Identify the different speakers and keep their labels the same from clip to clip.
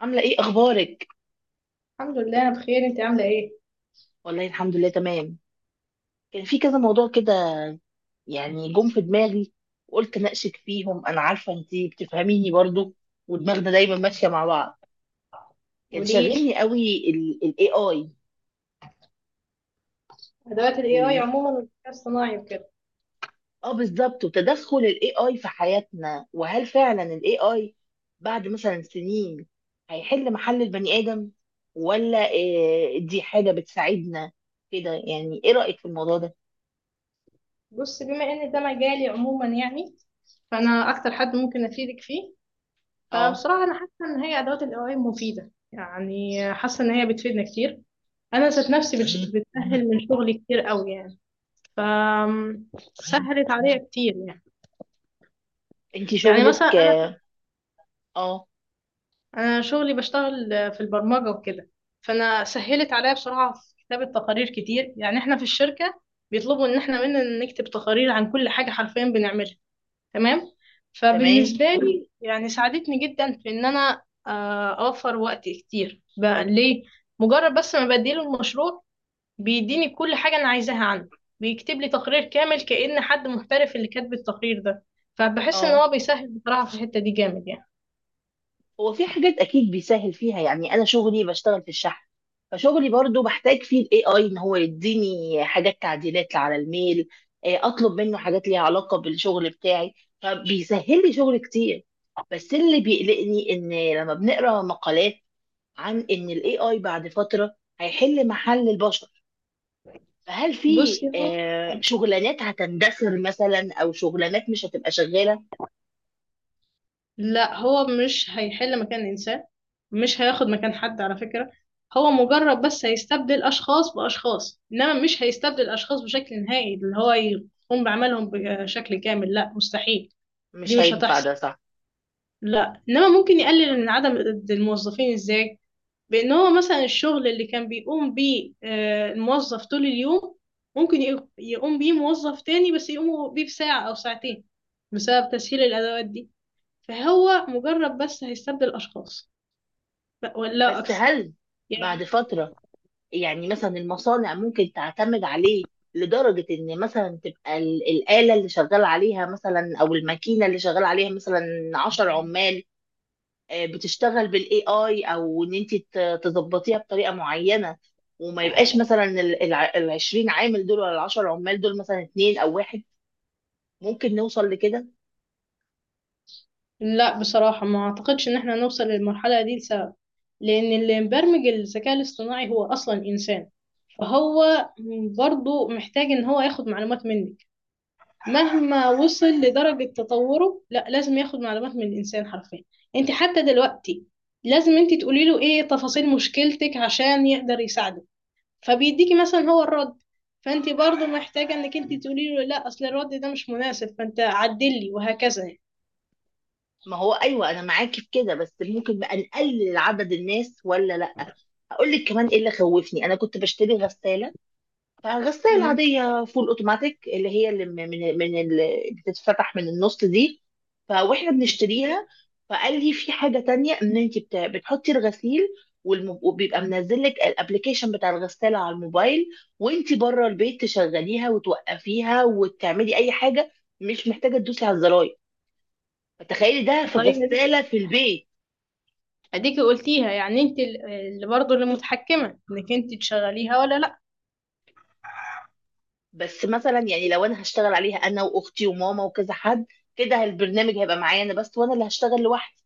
Speaker 1: عاملة ايه اخبارك؟
Speaker 2: الحمد لله، انا بخير. انت عامله ايه؟
Speaker 1: والله الحمد لله تمام. كان في كذا موضوع كده، يعني جم في دماغي وقلت اناقشك فيهم. انا عارفة انتي بتفهميني برضو، ودماغنا دايما ماشية مع بعض. كان
Speaker 2: قوليلي.
Speaker 1: شاغلني قوي. الاي اي.
Speaker 2: ادوات الاي اي
Speaker 1: وال
Speaker 2: عموما والذكاء الصناعي وكده.
Speaker 1: اه بالظبط، وتدخل الاي اي في حياتنا، وهل فعلا الاي اي بعد مثلا سنين هيحل محل البني ادم ولا إيه؟ دي حاجة بتساعدنا كده؟ يعني ايه رأيك في الموضوع ده؟
Speaker 2: بص، بما ان ده مجالي عموما يعني فانا اكتر حد ممكن افيدك فيه.
Speaker 1: اه.
Speaker 2: فبصراحه انا حاسه ان هي ادوات الاي اي مفيده، يعني حاسه ان هي بتفيدنا كتير. انا ذات نفسي بتسهل من شغلي كتير قوي يعني. ف سهلت عليا كتير يعني.
Speaker 1: انتي
Speaker 2: يعني مثلا
Speaker 1: شغلك؟
Speaker 2: انا
Speaker 1: اه. آه.
Speaker 2: انا شغلي بشتغل في البرمجه وكده. فانا سهلت عليا بصراحه في كتابه تقارير كتير. يعني احنا في الشركه بيطلبوا ان احنا مننا نكتب تقارير عن كل حاجه حرفيا بنعملها، تمام؟ فبالنسبه
Speaker 1: تمام.
Speaker 2: لي يعني ساعدتني جدا في ان انا اوفر وقت كتير بقى ليه. مجرد بس ما بديله المشروع بيديني كل حاجه انا عايزاها عنه، بيكتب لي تقرير كامل كأن حد محترف اللي كاتب التقرير ده. فبحس ان
Speaker 1: اه.
Speaker 2: هو بيسهل بصراحه في الحته دي جامد يعني.
Speaker 1: هو في حاجات اكيد بيسهل فيها، يعني انا شغلي بشتغل في الشحن، فشغلي برضو بحتاج فيه الاي اي ان هو يديني حاجات تعديلات على الميل. اطلب منه حاجات ليها علاقه بالشغل بتاعي، فبيسهل لي شغل كتير. بس اللي بيقلقني ان لما بنقرا مقالات عن ان الاي اي بعد فتره هيحل محل البشر، فهل
Speaker 2: بصي
Speaker 1: في
Speaker 2: هو،
Speaker 1: شغلانات هتندثر مثلا، او شغلانات مش هتبقى شغاله؟
Speaker 2: لا، هو مش هيحل مكان إنسان. مش هياخد مكان حد على فكرة. هو مجرد بس هيستبدل أشخاص بأشخاص، إنما مش هيستبدل أشخاص بشكل نهائي اللي هو يقوم بعملهم بشكل كامل، لا مستحيل. دي
Speaker 1: مش
Speaker 2: مش
Speaker 1: هينفع
Speaker 2: هتحصل.
Speaker 1: ده، صح؟
Speaker 2: لا إنما ممكن يقلل من عدم الموظفين. إزاي؟ بإن هو مثلا الشغل اللي كان بيقوم بيه الموظف طول اليوم، ممكن يقوم بيه موظف تاني بس يقوم بيه بساعة أو ساعتين بسبب تسهيل الأدوات دي. فهو مجرد بس هيستبدل أشخاص لا- ولا
Speaker 1: بس
Speaker 2: أكثر
Speaker 1: هل
Speaker 2: يعني.
Speaker 1: بعد فترة، يعني مثلا المصانع ممكن تعتمد عليه لدرجة إن مثلا تبقى الآلة اللي شغال عليها مثلا، أو الماكينة اللي شغال عليها مثلا 10 عمال، بتشتغل بالاي اي، او ان انت تظبطيها بطريقه معينه، وما يبقاش مثلا ال20 عامل دول، ولا ال10 عمال دول مثلا اتنين او واحد. ممكن نوصل لكده؟
Speaker 2: لا بصراحة ما أعتقدش إن احنا نوصل للمرحلة دي لسبب، لأن اللي مبرمج الذكاء الاصطناعي هو أصلا إنسان. فهو برضه محتاج إن هو ياخد معلومات منك. مهما وصل لدرجة تطوره، لا، لازم ياخد معلومات من الإنسان حرفيا. أنت حتى دلوقتي لازم أنت تقولي له إيه تفاصيل مشكلتك عشان يقدر يساعدك. فبيديكي مثلا هو الرد، فانت برضو محتاجة انك انت تقولي له لا اصل الرد ده مش مناسب فانت عدلي، وهكذا يعني.
Speaker 1: ما هو ايوه، انا معاكي في كده، بس ممكن بقى نقلل عدد الناس ولا لا؟ اقول لك كمان ايه اللي خوفني. انا كنت بشتري غسالة، غسالة
Speaker 2: مم.
Speaker 1: عادية فول اوتوماتيك، اللي هي اللي من اللي بتتفتح من النص دي. فواحنا بنشتريها، فقال لي في حاجة تانية ان انت بتحطي الغسيل، وبيبقى منزل لك الابلكيشن بتاع الغسالة على الموبايل، وانت بره البيت تشغليها وتوقفيها وتعملي اي حاجة، مش محتاجة تدوسي على الزراير. فتخيلي ده في
Speaker 2: الطريقة دي
Speaker 1: غسالة في البيت.
Speaker 2: اديكي قلتيها، يعني انت اللي برضو اللي متحكمة انك انت تشغليها ولا لا.
Speaker 1: بس مثلا يعني لو انا هشتغل عليها انا واختي وماما وكذا حد، كده البرنامج هيبقى معايا انا بس، وانا اللي هشتغل لوحدي.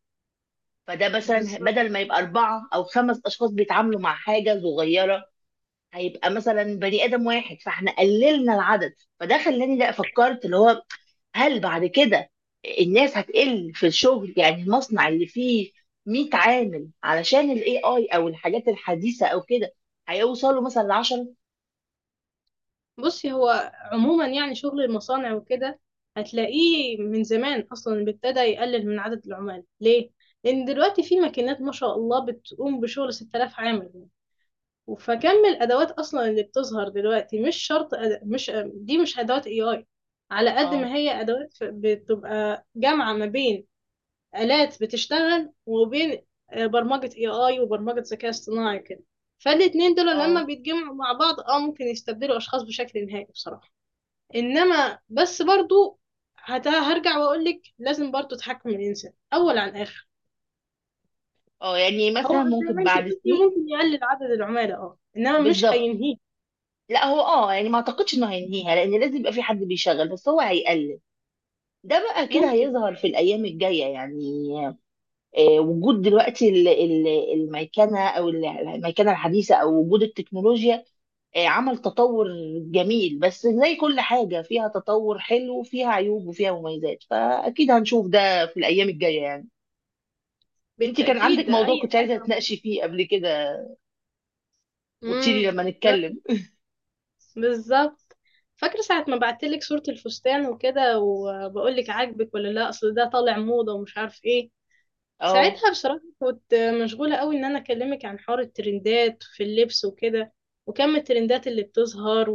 Speaker 1: فده مثلا
Speaker 2: بالظبط.
Speaker 1: بدل ما يبقى أربعة أو خمس أشخاص بيتعاملوا مع حاجة صغيرة، هيبقى مثلا بني آدم واحد، فاحنا قللنا العدد. فده خلاني، لا فكرت اللي هو، هل بعد كده الناس هتقل في الشغل؟ يعني المصنع اللي فيه 100 عامل، علشان الاي اي او الحاجات الحديثة او كده، هيوصلوا مثلا ل 10.
Speaker 2: بصي هو عموما يعني شغل المصانع وكده هتلاقيه من زمان اصلا ابتدى يقلل من عدد العمال. ليه؟ لان دلوقتي في ماكينات ما شاء الله بتقوم بشغل 6000 عامل. فكم الادوات اصلا اللي بتظهر دلوقتي مش شرط مش دي مش ادوات اي اي، على قد
Speaker 1: اه.
Speaker 2: ما هي ادوات، بتبقى جامعه ما بين الات بتشتغل وبين برمجه اي اي وبرمجه ذكاء اصطناعي كده. فالاتنين دول لما
Speaker 1: اه.
Speaker 2: بيتجمعوا مع بعض اه ممكن يستبدلوا اشخاص بشكل نهائي بصراحه. انما بس برضو هرجع واقول لك لازم برضو تحكم الانسان اول عن اخر.
Speaker 1: اه، يعني
Speaker 2: هو
Speaker 1: مثلا
Speaker 2: زي
Speaker 1: ممكن
Speaker 2: ما انت
Speaker 1: بعد
Speaker 2: قلتي
Speaker 1: سنين.
Speaker 2: ممكن يقلل عدد العملاء، اه، انما مش
Speaker 1: بالظبط.
Speaker 2: هينهيه.
Speaker 1: لا، هو اه يعني ما اعتقدش انه هينهيها، لان لازم يبقى في حد بيشغل، بس هو هيقلل. ده بقى كده
Speaker 2: ممكن.
Speaker 1: هيظهر في الأيام الجاية يعني. وجود دلوقتي الميكنة، أو الميكنة الحديثة، أو وجود التكنولوجيا، عمل تطور جميل. بس زي كل حاجة فيها تطور، حلو وفيها عيوب وفيها مميزات، فأكيد هنشوف ده في الأيام الجاية يعني. أنت كان
Speaker 2: بالتأكيد
Speaker 1: عندك
Speaker 2: ده
Speaker 1: موضوع
Speaker 2: أي
Speaker 1: كنت عايزة
Speaker 2: حاجة.
Speaker 1: تناقشي فيه قبل كده، وتشيلي
Speaker 2: امم،
Speaker 1: لما نتكلم.
Speaker 2: بالظبط. فاكرة ساعة ما بعتلك صورة الفستان وكده وبقولك عاجبك ولا لا؟ أصل ده طالع موضة ومش عارف ايه.
Speaker 1: اه.
Speaker 2: ساعتها بصراحة كنت مشغولة قوي إن أنا أكلمك عن حوار الترندات في اللبس وكده، وكم الترندات اللي بتظهر.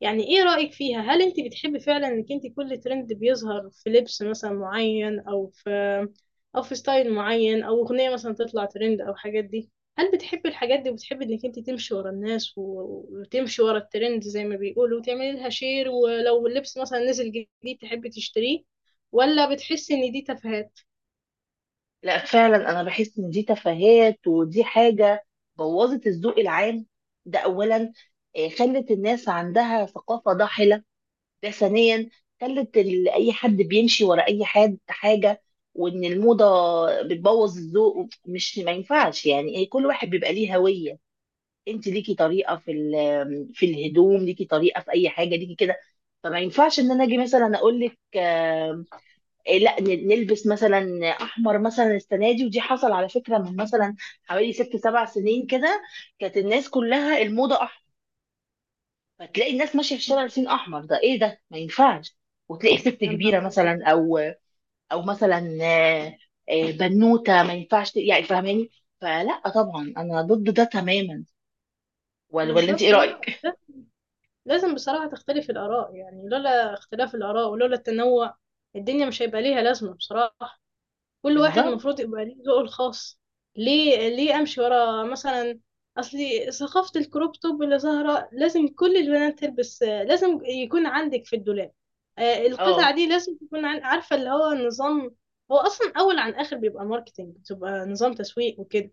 Speaker 2: يعني ايه رأيك فيها؟ هل انت بتحبي فعلا انك انت كل ترند بيظهر في لبس مثلا معين او في، او في ستايل معين، او اغنية مثلا تطلع ترند او حاجات دي؟ هل بتحبي الحاجات دي وبتحبي انك انت تمشي ورا الناس وتمشي ورا الترند زي ما بيقولوا وتعملي لها شير، ولو اللبس مثلا نزل جديد تحبي تشتريه؟ ولا بتحسي ان دي تفاهات؟
Speaker 1: لا، فعلا انا بحس ان دي تفاهات، ودي حاجه بوظت الذوق العام، ده اولا. خلت الناس عندها ثقافه ضاحله، ده ثانيا. خلت اي حد بيمشي ورا اي حد حاجه، وان الموضه بتبوظ الذوق، مش ما ينفعش. يعني كل واحد بيبقى ليه هويه، انت ليكي طريقه في في الهدوم، ليكي طريقه في اي حاجه ليكي كده. فما ينفعش ان انا اجي مثلا اقول لك لا نلبس مثلا احمر مثلا السنه دي، ودي حصل على فكره من مثلا حوالي 6 7 سنين كده، كانت الناس كلها الموضه احمر. فتلاقي الناس ماشيه في الشارع لابسين احمر، ده ايه ده؟ ما ينفعش. وتلاقي ست
Speaker 2: يا نهار
Speaker 1: كبيره
Speaker 2: أبيض.
Speaker 1: مثلا، او او مثلا، بنوته، ما ينفعش يعني فاهماني؟ فلا طبعا انا ضد ده تماما. ولا انت ايه
Speaker 2: بالظبط، هو
Speaker 1: رايك؟
Speaker 2: ده. لازم بصراحة تختلف الآراء، يعني لولا اختلاف الآراء ولولا التنوع الدنيا مش هيبقى ليها لازمة بصراحة. كل واحد
Speaker 1: بالظبط.
Speaker 2: المفروض يبقى ليه ذوقه الخاص. ليه، ليه امشي ورا مثلا اصلي ثقافة الكروب توب اللي ظاهرة لازم كل البنات تلبس، لازم يكون عندك في الدولاب
Speaker 1: اه.
Speaker 2: القطعة دي، لازم تكون عارفة اللي هو نظام. هو اصلا اول عن اخر بيبقى ماركتينج، بتبقى نظام تسويق وكده.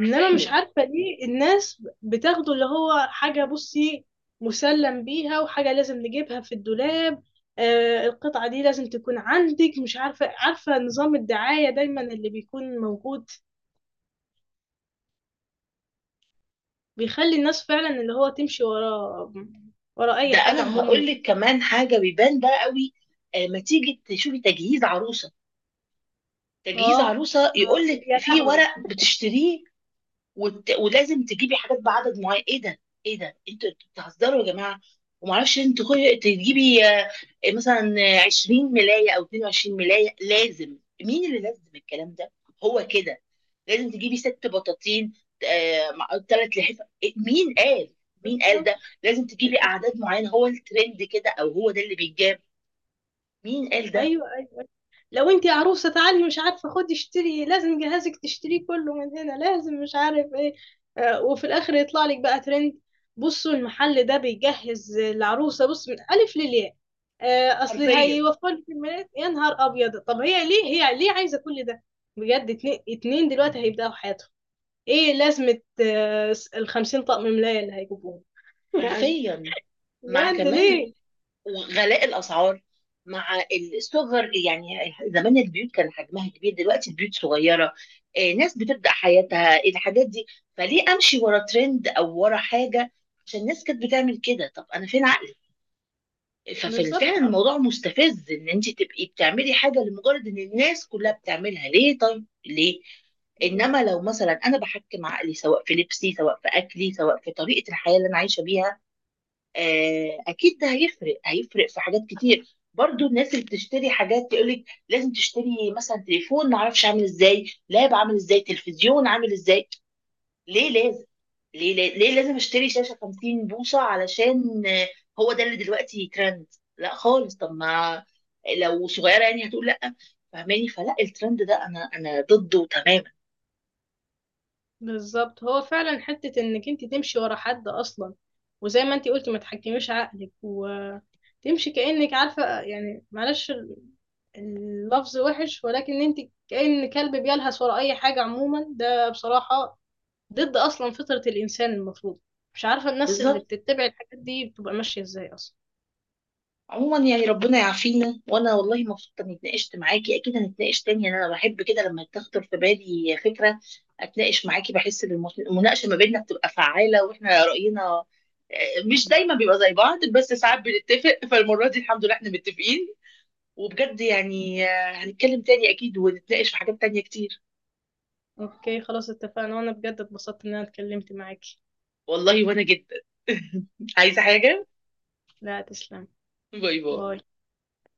Speaker 2: انما مش عارفه ليه الناس بتاخده اللي هو حاجه، بصي، مسلم بيها وحاجه لازم نجيبها في الدولاب. آه القطعه دي لازم تكون عندك، مش عارفه، عارفه نظام الدعايه دايما اللي بيكون موجود بيخلي الناس فعلا اللي هو تمشي ورا، ورا اي
Speaker 1: ده
Speaker 2: حاجه
Speaker 1: انا
Speaker 2: عموما.
Speaker 1: هقول لك كمان حاجه بيبان بقى قوي. ما تيجي تشوفي تجهيز عروسه، تجهيز
Speaker 2: اه.
Speaker 1: عروسه
Speaker 2: آه،
Speaker 1: يقول لك
Speaker 2: يا
Speaker 1: في
Speaker 2: لهوي.
Speaker 1: ورق بتشتريه، ولازم تجيبي حاجات بعدد معين، ايه ده؟ ايه ده؟ انتوا انتوا بتهزروا يا جماعه! وما اعرفش انت تجيبي مثلا 20 ملايه او 22 ملايه، لازم؟ مين اللي لازم الكلام ده؟ هو كده لازم تجيبي 6 بطاطين، 3 لحفة، مين قال؟ مين قال
Speaker 2: بالظبط.
Speaker 1: ده؟ لازم تجيبي اعداد معينه، هو الترند كده، او هو ده اللي بيتجاب؟ مين قال ده؟
Speaker 2: ايوه، لو انتي عروسة تعالي مش عارفة خدي اشتري، لازم جهازك تشتريه كله من هنا، لازم مش عارف ايه. آه، وفي الاخر يطلع لك بقى ترند: بصوا المحل ده بيجهز العروسة بص من الف للياء. آه، اصل
Speaker 1: حرفيا.
Speaker 2: هيوفر لك الميلاد. يا نهار ابيض، طب هي ليه، هي ليه عايزة كل ده؟ بجد، اتنين دلوقتي هيبدأوا حياتهم، ايه لازمة 50 طقم ملاية اللي هيجيبوهم؟ يعني
Speaker 1: حرفيا. مع
Speaker 2: بجد
Speaker 1: كمان
Speaker 2: ليه؟
Speaker 1: وغلاء الاسعار، مع الصغر. يعني زمان البيوت كان حجمها كبير، دلوقتي البيوت صغيره. ناس بتبدا حياتها الحاجات دي. فليه امشي ورا ترند او ورا حاجه عشان الناس كانت بتعمل كده؟ طب انا فين عقلي؟ ففعلا
Speaker 2: بالظبط.
Speaker 1: الموضوع مستفز ان انت تبقي بتعملي حاجه لمجرد ان الناس كلها بتعملها. ليه؟ طيب ليه؟
Speaker 2: آه.
Speaker 1: انما لو مثلا انا بحكم عقلي، سواء في لبسي، سواء في اكلي، سواء في طريقه الحياه اللي انا عايشه بيها، اكيد ده هيفرق. هيفرق في حاجات كتير. برضو الناس اللي بتشتري حاجات تقولك لازم تشتري مثلا تليفون معرفش عامل ازاي، لاب عامل ازاي، تلفزيون عامل ازاي. ليه لازم؟ ليه، ليه, ليه لازم اشتري شاشة 50 بوصة علشان هو ده اللي دلوقتي ترند؟ لا خالص. طب ما لو صغيرة يعني هتقول لا. فاهماني؟ فلا، الترند ده انا ضده تماما.
Speaker 2: بالظبط، هو فعلا حتة انك انت تمشي ورا حد اصلا، وزي ما انت قلتي ما تحكميش عقلك وتمشي كأنك عارفة، يعني معلش اللفظ وحش ولكن انت كأن كلب بيلهث ورا اي حاجة عموما. ده بصراحة ضد اصلا فطرة الانسان المفروض. مش عارفة الناس اللي
Speaker 1: بالظبط.
Speaker 2: بتتبع الحاجات دي بتبقى ماشية ازاي اصلا.
Speaker 1: عموما يعني ربنا يعافينا. وانا والله مبسوطه اني اتناقشت معاكي، اكيد هنتناقش تاني يعني. انا بحب كده لما تخطر في بالي فكره اتناقش معاكي، بحس ان المناقشه ما بيننا بتبقى فعاله، واحنا راينا مش دايما بيبقى زي بعض، بس ساعات بنتفق. فالمره دي الحمد لله احنا متفقين. وبجد يعني هنتكلم تاني اكيد، ونتناقش في حاجات تانية كتير.
Speaker 2: اوكي خلاص، اتفقنا، وانا بجد اتبسطت ان انا اتكلمت معاكي.
Speaker 1: والله، وانا جدا. عايزه حاجه؟
Speaker 2: لا تسلم.
Speaker 1: باي باي.
Speaker 2: باي.